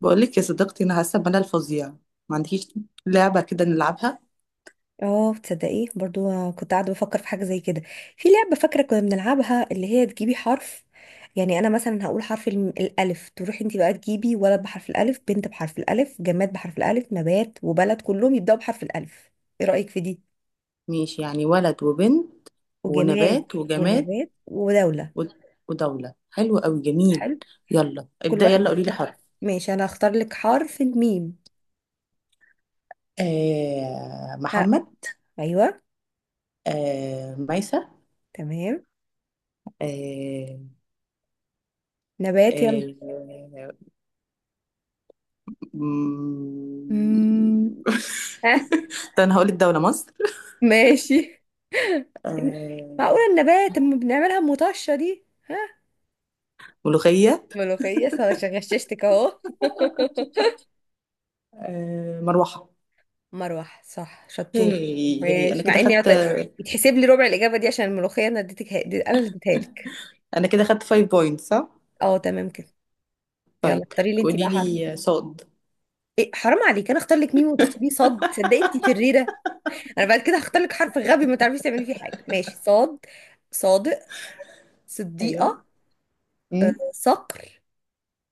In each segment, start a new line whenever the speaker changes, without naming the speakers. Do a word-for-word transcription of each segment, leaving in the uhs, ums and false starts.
بقول لك يا صديقتي، انا حاسه بملل فظيع. ما عندكيش لعبه كده نلعبها؟
اه، تصدقيه؟ برضو كنت قاعده بفكر في حاجه زي كده. في لعبه فاكره كنا بنلعبها، اللي هي تجيبي حرف. يعني انا مثلا هقول حرف الم- الالف. تروحي انت بقى تجيبي ولد بحرف الالف، بنت بحرف الالف، جماد بحرف الالف، نبات وبلد، كلهم يبداوا بحرف الالف. ايه رايك في دي؟
ماشي، يعني ولد وبنت
وجماد.
ونبات وجماد
ونبات ودوله.
و- ودوله. حلو قوي، جميل.
حلو.
يلا
كل
ابدا، يلا
واحد
قولي لي
يختار.
حرف.
ماشي، انا هختار لك حرف الميم.
آه،
ها.
محمد.
ايوه.
آه، ميسة.
تمام.
آه.
نبات، يلا.
آه. مم.
مم. ها.
طب انا هقول الدوله مصر.
ماشي. إن- معقولة
آه،
النبات اما بنعملها مطشة دي؟ ها.
ملوخيه.
ملوخية صح، غششتك اهو.
آه، مروحه.
مروح صح،
هي.
شطور.
هي، انا
ماشي، مع
كده
اني عط-
خدت
يتحسب لي ربع الاجابة دي عشان الملوخية، انا اديتك دي- انا اللي اديتها لك.
انا كده خدت خمسة بوينتس صح؟
اه، تمام كده. يلا
طيب
اختاري لي انت
قولي
بقى حرف.
لي صاد.
إيه حرام عليك، انا اختار لك ميم وتختاري صاد؟ صدقي انت شريرة. انا بعد كده هختار لك حرف غبي ما تعرفيش تعملي فيه حاجة. ماشي، صاد. صادق.
ايوه.
صديقة.
امم
صقر.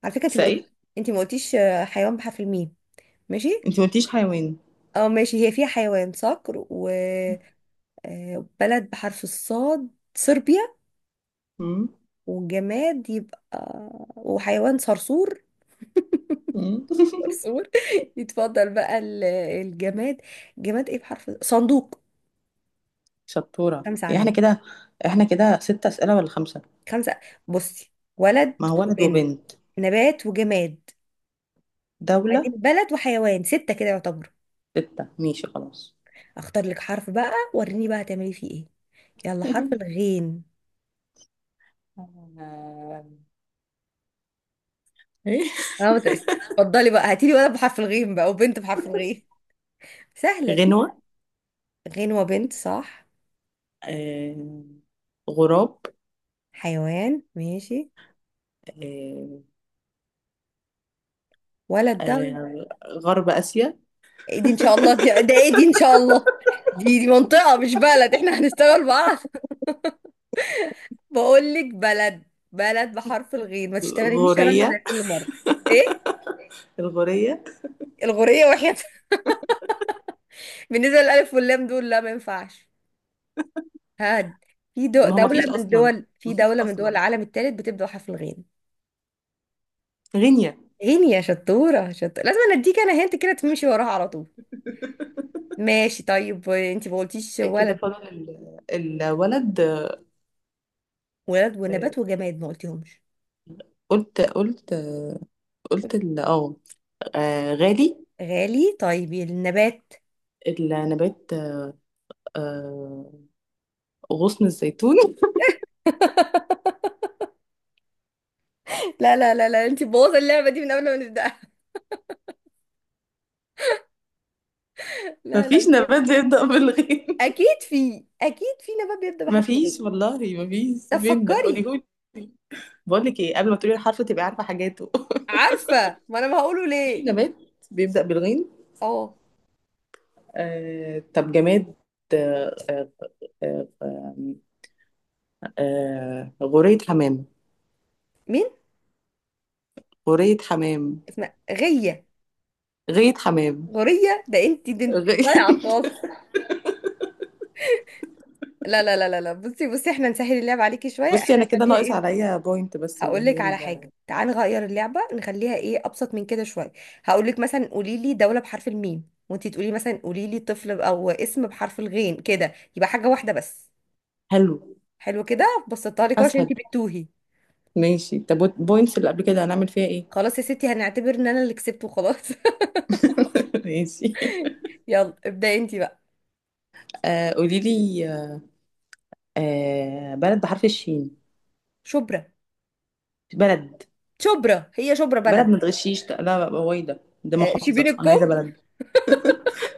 على فكرة انت ما قلت-
سائل.
انت ما قلتيش، آه، حيوان بحرف الميم. ماشي.
انت ما قلتيش حيوان.
اه ماشي، هي فيها حيوان صقر وبلد بحرف الصاد صربيا.
امم
والجماد يبقى، وحيوان صرصور.
امم
صرصور. يتفضل بقى ال- الجماد. جماد ايه بحرف؟ صندوق.
شطورة،
خمسة
يعني احنا
عليا.
كده احنا كده ست أسئلة ولا خمسة؟
خمسة. بصي، ولد
ما هو ولد
وبنت،
وبنت.
نبات وجماد، بعدين
دولة.
بلد وحيوان، ستة كده يعتبر.
ستة، ماشي خلاص.
اختار لك حرف بقى، وريني بقى هتعملي فيه ايه. يلا حرف الغين.
آه، إيه؟
اه. اتفضلي بقى، هاتيلي ولد بحرف الغين بقى، وبنت بحرف الغين. سهلة.
غنوة.
غنوة بنت، صح.
آه... غراب.
حيوان ماشي.
آه...
ولد ده.
آه... غرب آسيا.
إيه دي ان شاء الله؟ دي ده ايه دي ان شاء الله؟ دي دي منطقة مش بلد، احنا هنشتغل بعض. بقول لك بلد، بلد بحرف الغين. ما تشتغليش شرمة زي
غورية.
كل مرة. ايه؟
الغورية.
الغورية واحد. بالنسبة للألف واللام دول، لا ما ينفعش. هاد. في دو
ما هو ما
دولة
فيش
من
أصلا.
دول،
ما
في
فيش
دولة من دول
أصلا.
العالم الثالث بتبدأ بحرف الغين.
غينيا.
غين؟ يا شطورة شطورة، لازم انا اديك. انا هنت كده تمشي وراها على طول. ماشي. طيب انت ما قلتيش
آه، كده
ولد.
فضل ال- الولد.
ولد
آه،
ونبات وجماد ما قلتيهمش.
قلت قلت قلت ال- اه آه، غالي.
غالي. طيب النبات.
النبات. آه، غصن الزيتون.
لا لا لا لا، انت بوظ اللعبه دي من قبل ما نبداها. لا لا مش
مفيش
هينفع.
نبات بيبدأ بالغين.
اكيد في اكيد في نبات بيبدا بحرف الغين.
مفيش، والله مفيش.
طب
فين ده؟
فكري.
قوليهولي. بقول لك ايه، قبل ما تقولي الحرف تبقي عارفه حاجاته.
عارفه، ما انا ما هقوله
في
ليه.
نبات بيبدأ بالغين.
اه.
آه، طب جماد. آه، آه، آه، غورية حمام.
مين؟
غورية حمام.
اسمها غيه.
غية حمام.
غوريه، ده انت ده انت
غي...
ضايعه خالص. لا لا لا لا لا، بصي بصي، احنا نسهل اللعبه عليكي شويه،
بصي
احنا
انا كده
نخليها
ناقص
ايه.
عليا بوينت، بس اللي
هقول لك
هي
على حاجه،
ال-
تعال نغير اللعبه نخليها ايه ابسط من كده شويه. هقول لك مثلا قولي لي دوله بحرف الميم، وانتي تقولي مثلا قولي لي طفل او اسم بحرف الغين، كده يبقى حاجه واحده بس.
حلو.
حلو كده، بسطتها لك أهو عشان
اسهل.
انتي بتتوهي.
ماشي، طب البوينتس اللي قبل كده هنعمل فيها ايه؟
خلاص يا ستي، هنعتبر ان انا اللي كسبت وخلاص.
ماشي.
يلا ابداي انتي بقى.
آه قولي لي، آه بلد بحرف الشين.
شبرا.
بلد.
شبرا هي شبرا
بلد
بلد؟
ما تغشيش، لا، هو إيه ده؟ ده
آه، شبين
محافظة، انا
الكم.
عايزة بلد.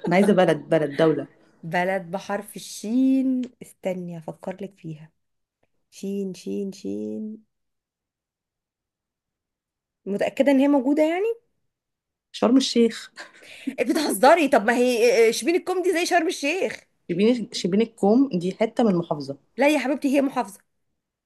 انا عايزة بلد، بلد، دولة.
بلد بحرف الشين، استني افكر لك فيها. شين شين شين. متأكدة ان هي موجودة يعني؟
شرم الشيخ.
بتهزري؟ طب ما هي شبين الكومدي زي شرم الشيخ.
شبين شبين الكوم دي حتة من المحافظة.
لا يا حبيبتي، هي محافظة.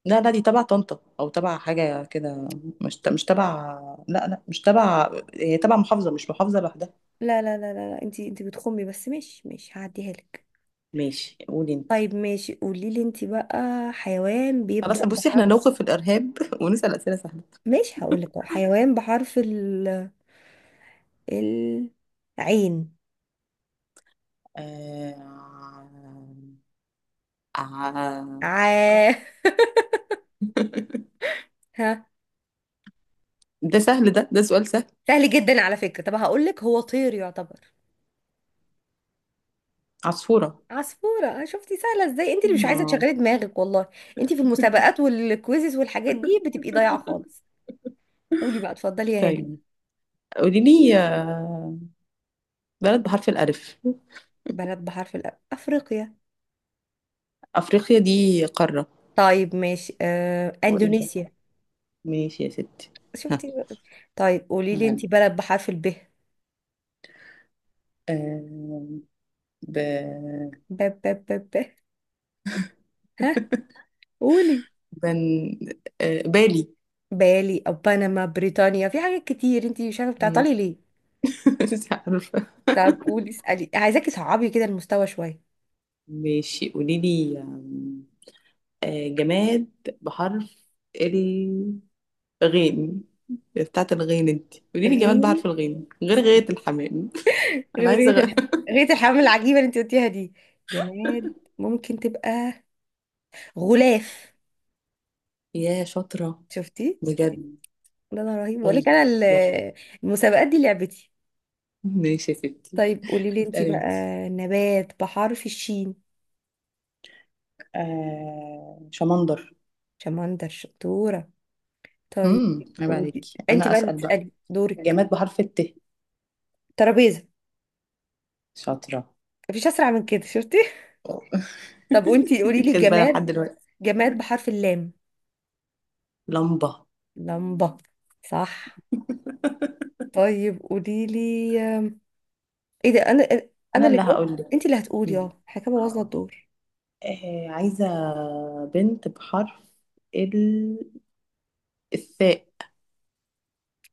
لا لا، دي تبع طنطا او تبع حاجة كده، مش ت- مش تبع. لا لا، مش تبع، هي تبع محافظة، مش محافظة لوحدها.
لا لا لا لا، لا. انتي انتي بتخمي بس. ماشي ماشي، هعديها لك.
ماشي، قولي انت.
طيب ماشي، قولي لي انتي بقى. حيوان
خلاص
بيبدأ
بصي، احنا
بحرف.
نوقف الارهاب ونسأل اسئلة سهلة.
ماشي هقول لك اهو، حيوان بحرف ال ال- عين.
آه... آه...
ع. ها.
ده سهل. ده ده سؤال سهل.
سهل جدا على فكرة. طب هقول لك، هو طير يعتبر.
عصفورة.
عصفورة. آه، شفتي سهلة ازاي؟ انت اللي مش عايزة
آه.
تشغلي دماغك والله. انت في المسابقات والكويزز والحاجات دي بتبقي ضايعة خالص. قولي بقى، اتفضلي يا هاني.
طيب قولي لي، آه، بلد بحرف الألف.
بلد بحرف الأ أفريقيا.
أفريقيا دي قارة.
طيب ماشي، آه،
وإيه ده؟
إندونيسيا.
ماشي يا ستي. ها.
شفتي بقى؟ طيب قولي لي أنت
تمام.
بلد بحرف الب.
آه، ب...
ب ب ب ب. ها. قولي.
بن... آه، بالي.
بالي أو بنما، بريطانيا، في حاجات كتير أنت مش عارفة،
مم.
بتعطلي ليه؟
مش عارفة.
طب قولي، اسألي، عايزاكي تصعبي كده المستوى شوية.
ماشي قولي لي، آم، آه، جماد بحرف غين. بتاعة الغين انت قولي لي جماد
غير.
بعرف الغين غير غاية الحمام.
غير
انا عايزة
غيرة
غ...
الح... غيرة الحمام العجيبة اللي أنت قلتيها دي. جماد ممكن تبقى غلاف.
يا شاطرة،
شفتي شفتي.
بجد.
لا لا رهيب، بقول لك
طيب
أنا ال-
يلا.
المسابقات دي لعبتي.
ماشي يا ستي.
طيب قولي لي انتي
اسألي
بقى.
انت.
نبات بحرف الشين.
آه، شمندر.
شمندر. شطورة. طيب.
امم عيب عليك.
قولي انتي
انا
بقى اللي
اسأل بقى.
تسألي دورك.
جماد بحرف الت.
ترابيزة.
شاطرة.
مفيش أسرع من كده، شفتي. طب وانتي
انت
قولي لي
كسبانة لحد
جماد.
دلوقتي.
جماد بحرف اللام.
لمبة.
لمبة. صح. طيب قولي لي. ايه ده، انا؟ انا
انا
اللي
اللي هقول
جاوبت
لك.
انتي اللي هتقولي،
أمم.
اه حكاية بوظنا
اه
الدور.
آه، عايزة بنت بحرف ال... الثاء.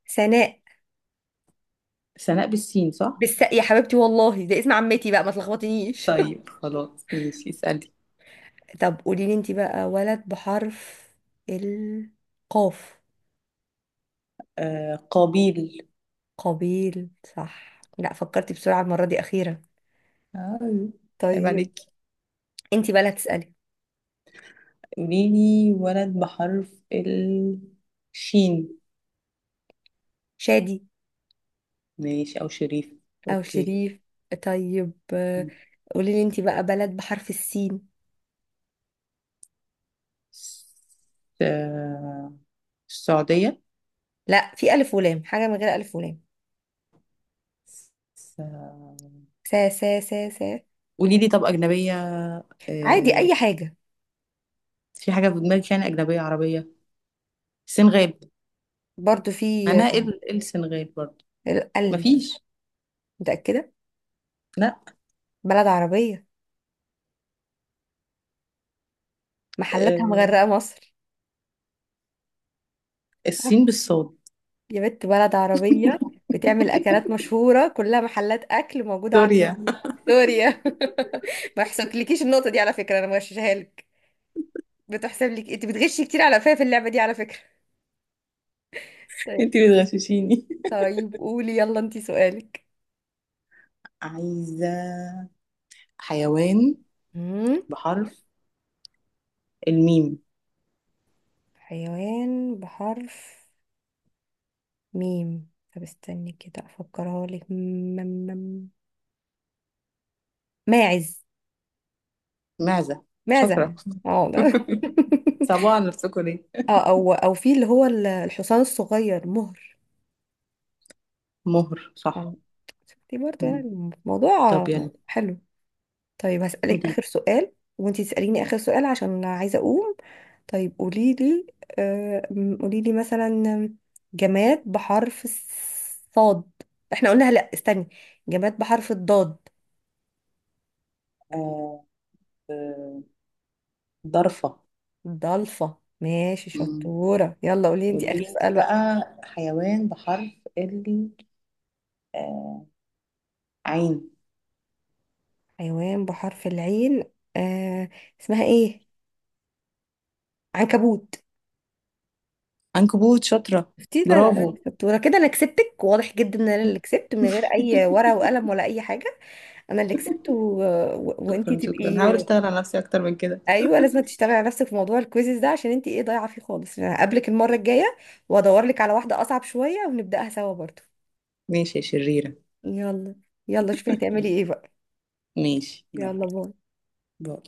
سناء.
سناء بالسين صح؟
بالساء يا حبيبتي والله، ده اسم عمتي بقى ما تلخبطنيش.
طيب خلاص، ماشي اسألي.
طب قولي لي انتي بقى ولد بحرف القاف.
آه، قابيل.
قابيل. صح، لا فكرتي بسرعة المرة دي أخيرا.
آه، عيب
طيب
عليك.
انتي بقى اللي هتسألي.
قوليلي ولد بحرف الشين.
شادي
ماشي، أو شريف.
أو
أوكي.
شريف. طيب آه، قولي لي انتي بقى بلد بحرف السين.
س- آه السعودية.
لا في ألف ولام، حاجة من غير ألف ولام.
س-
سا سا سا سا.
قوليلي طب أجنبية.
عادي،
آه،
أي حاجة.
في حاجة في دماغك يعني؟ أجنبية عربية؟ سنغال.
برضو في آه،
أنا إيه ال- إيه السنغال برضه؟
ال ال.
مفيش.
متأكدة.
لا.
بلد عربية، محلاتها
آه،
مغرقة مصر.
الصين بالصاد.
يا بنت بلد عربية، بتعمل أكلات مشهورة كلها محلات أكل موجودة عندنا
سوريا.
في. سوريا. ما يحسبلكيش النقطة دي على فكرة، أنا مغششها لك. بتحسب لك، أنت بتغشي كتير على فيا في اللعبة دي على فكرة. طيب.
انتي بتغششيني.
طيب قولي يلا أنت سؤالك.
عايزة حيوان
مم.
بحرف الميم.
حيوان بحرف ميم. طب استني كده أفكرها لك. مم- مم- ماعز.
معزة.
ماعزة
شاطرة.
يعني اه ده.
صعبة على نفسكوا ليه؟
اه، او او في اللي هو ال- الحصان الصغير مهر.
مهر صح.
آه، شفتي برضه
مم.
يعني
طب
الموضوع.
يلا.
حلو. طيب
قولي
هسألك آخر
لي.
سؤال، وانتي تسأليني آخر سؤال عشان عايزة أقوم. طيب قولي لي، آه م- قولي لي مثلا جماد بحرف الصاد. احنا قلنا، لا استني. جماد بحرف الضاد.
آه آه، ضرفة.
ضلفة. ماشي
مم.
شطورة، يلا قولي انتي
قولي
آخر
لي انت
سؤال بقى.
بقى حيوان بحرف ال آه عين.
حيوان بحرف العين. آه. اسمها ايه؟ عنكبوت.
عنكبوت. شاطرة.
شفتي؟ لا لا لا،
برافو.
شطورة كده، انا كسبتك. واضح جدا ان انا اللي كسبت من غير اي ورقة وقلم ولا اي حاجة. انا اللي كسبت و... و... وانتي
شكرا، شكرا.
تبقي.
هحاول اشتغل على نفسي اكتر من كده.
ايوه، لازم تشتغلي على نفسك في موضوع الكويزز ده، عشان انتي ايه، ضايعة فيه خالص. انا هقابلك المرة الجاية وادور لك على واحدة اصعب شوية ونبدأها سوا برضو.
ماشي يا شريرة.
يلا. يلا، شوفي هتعملي ايه بقى.
ماشي، يلا
يلا باي.
باي.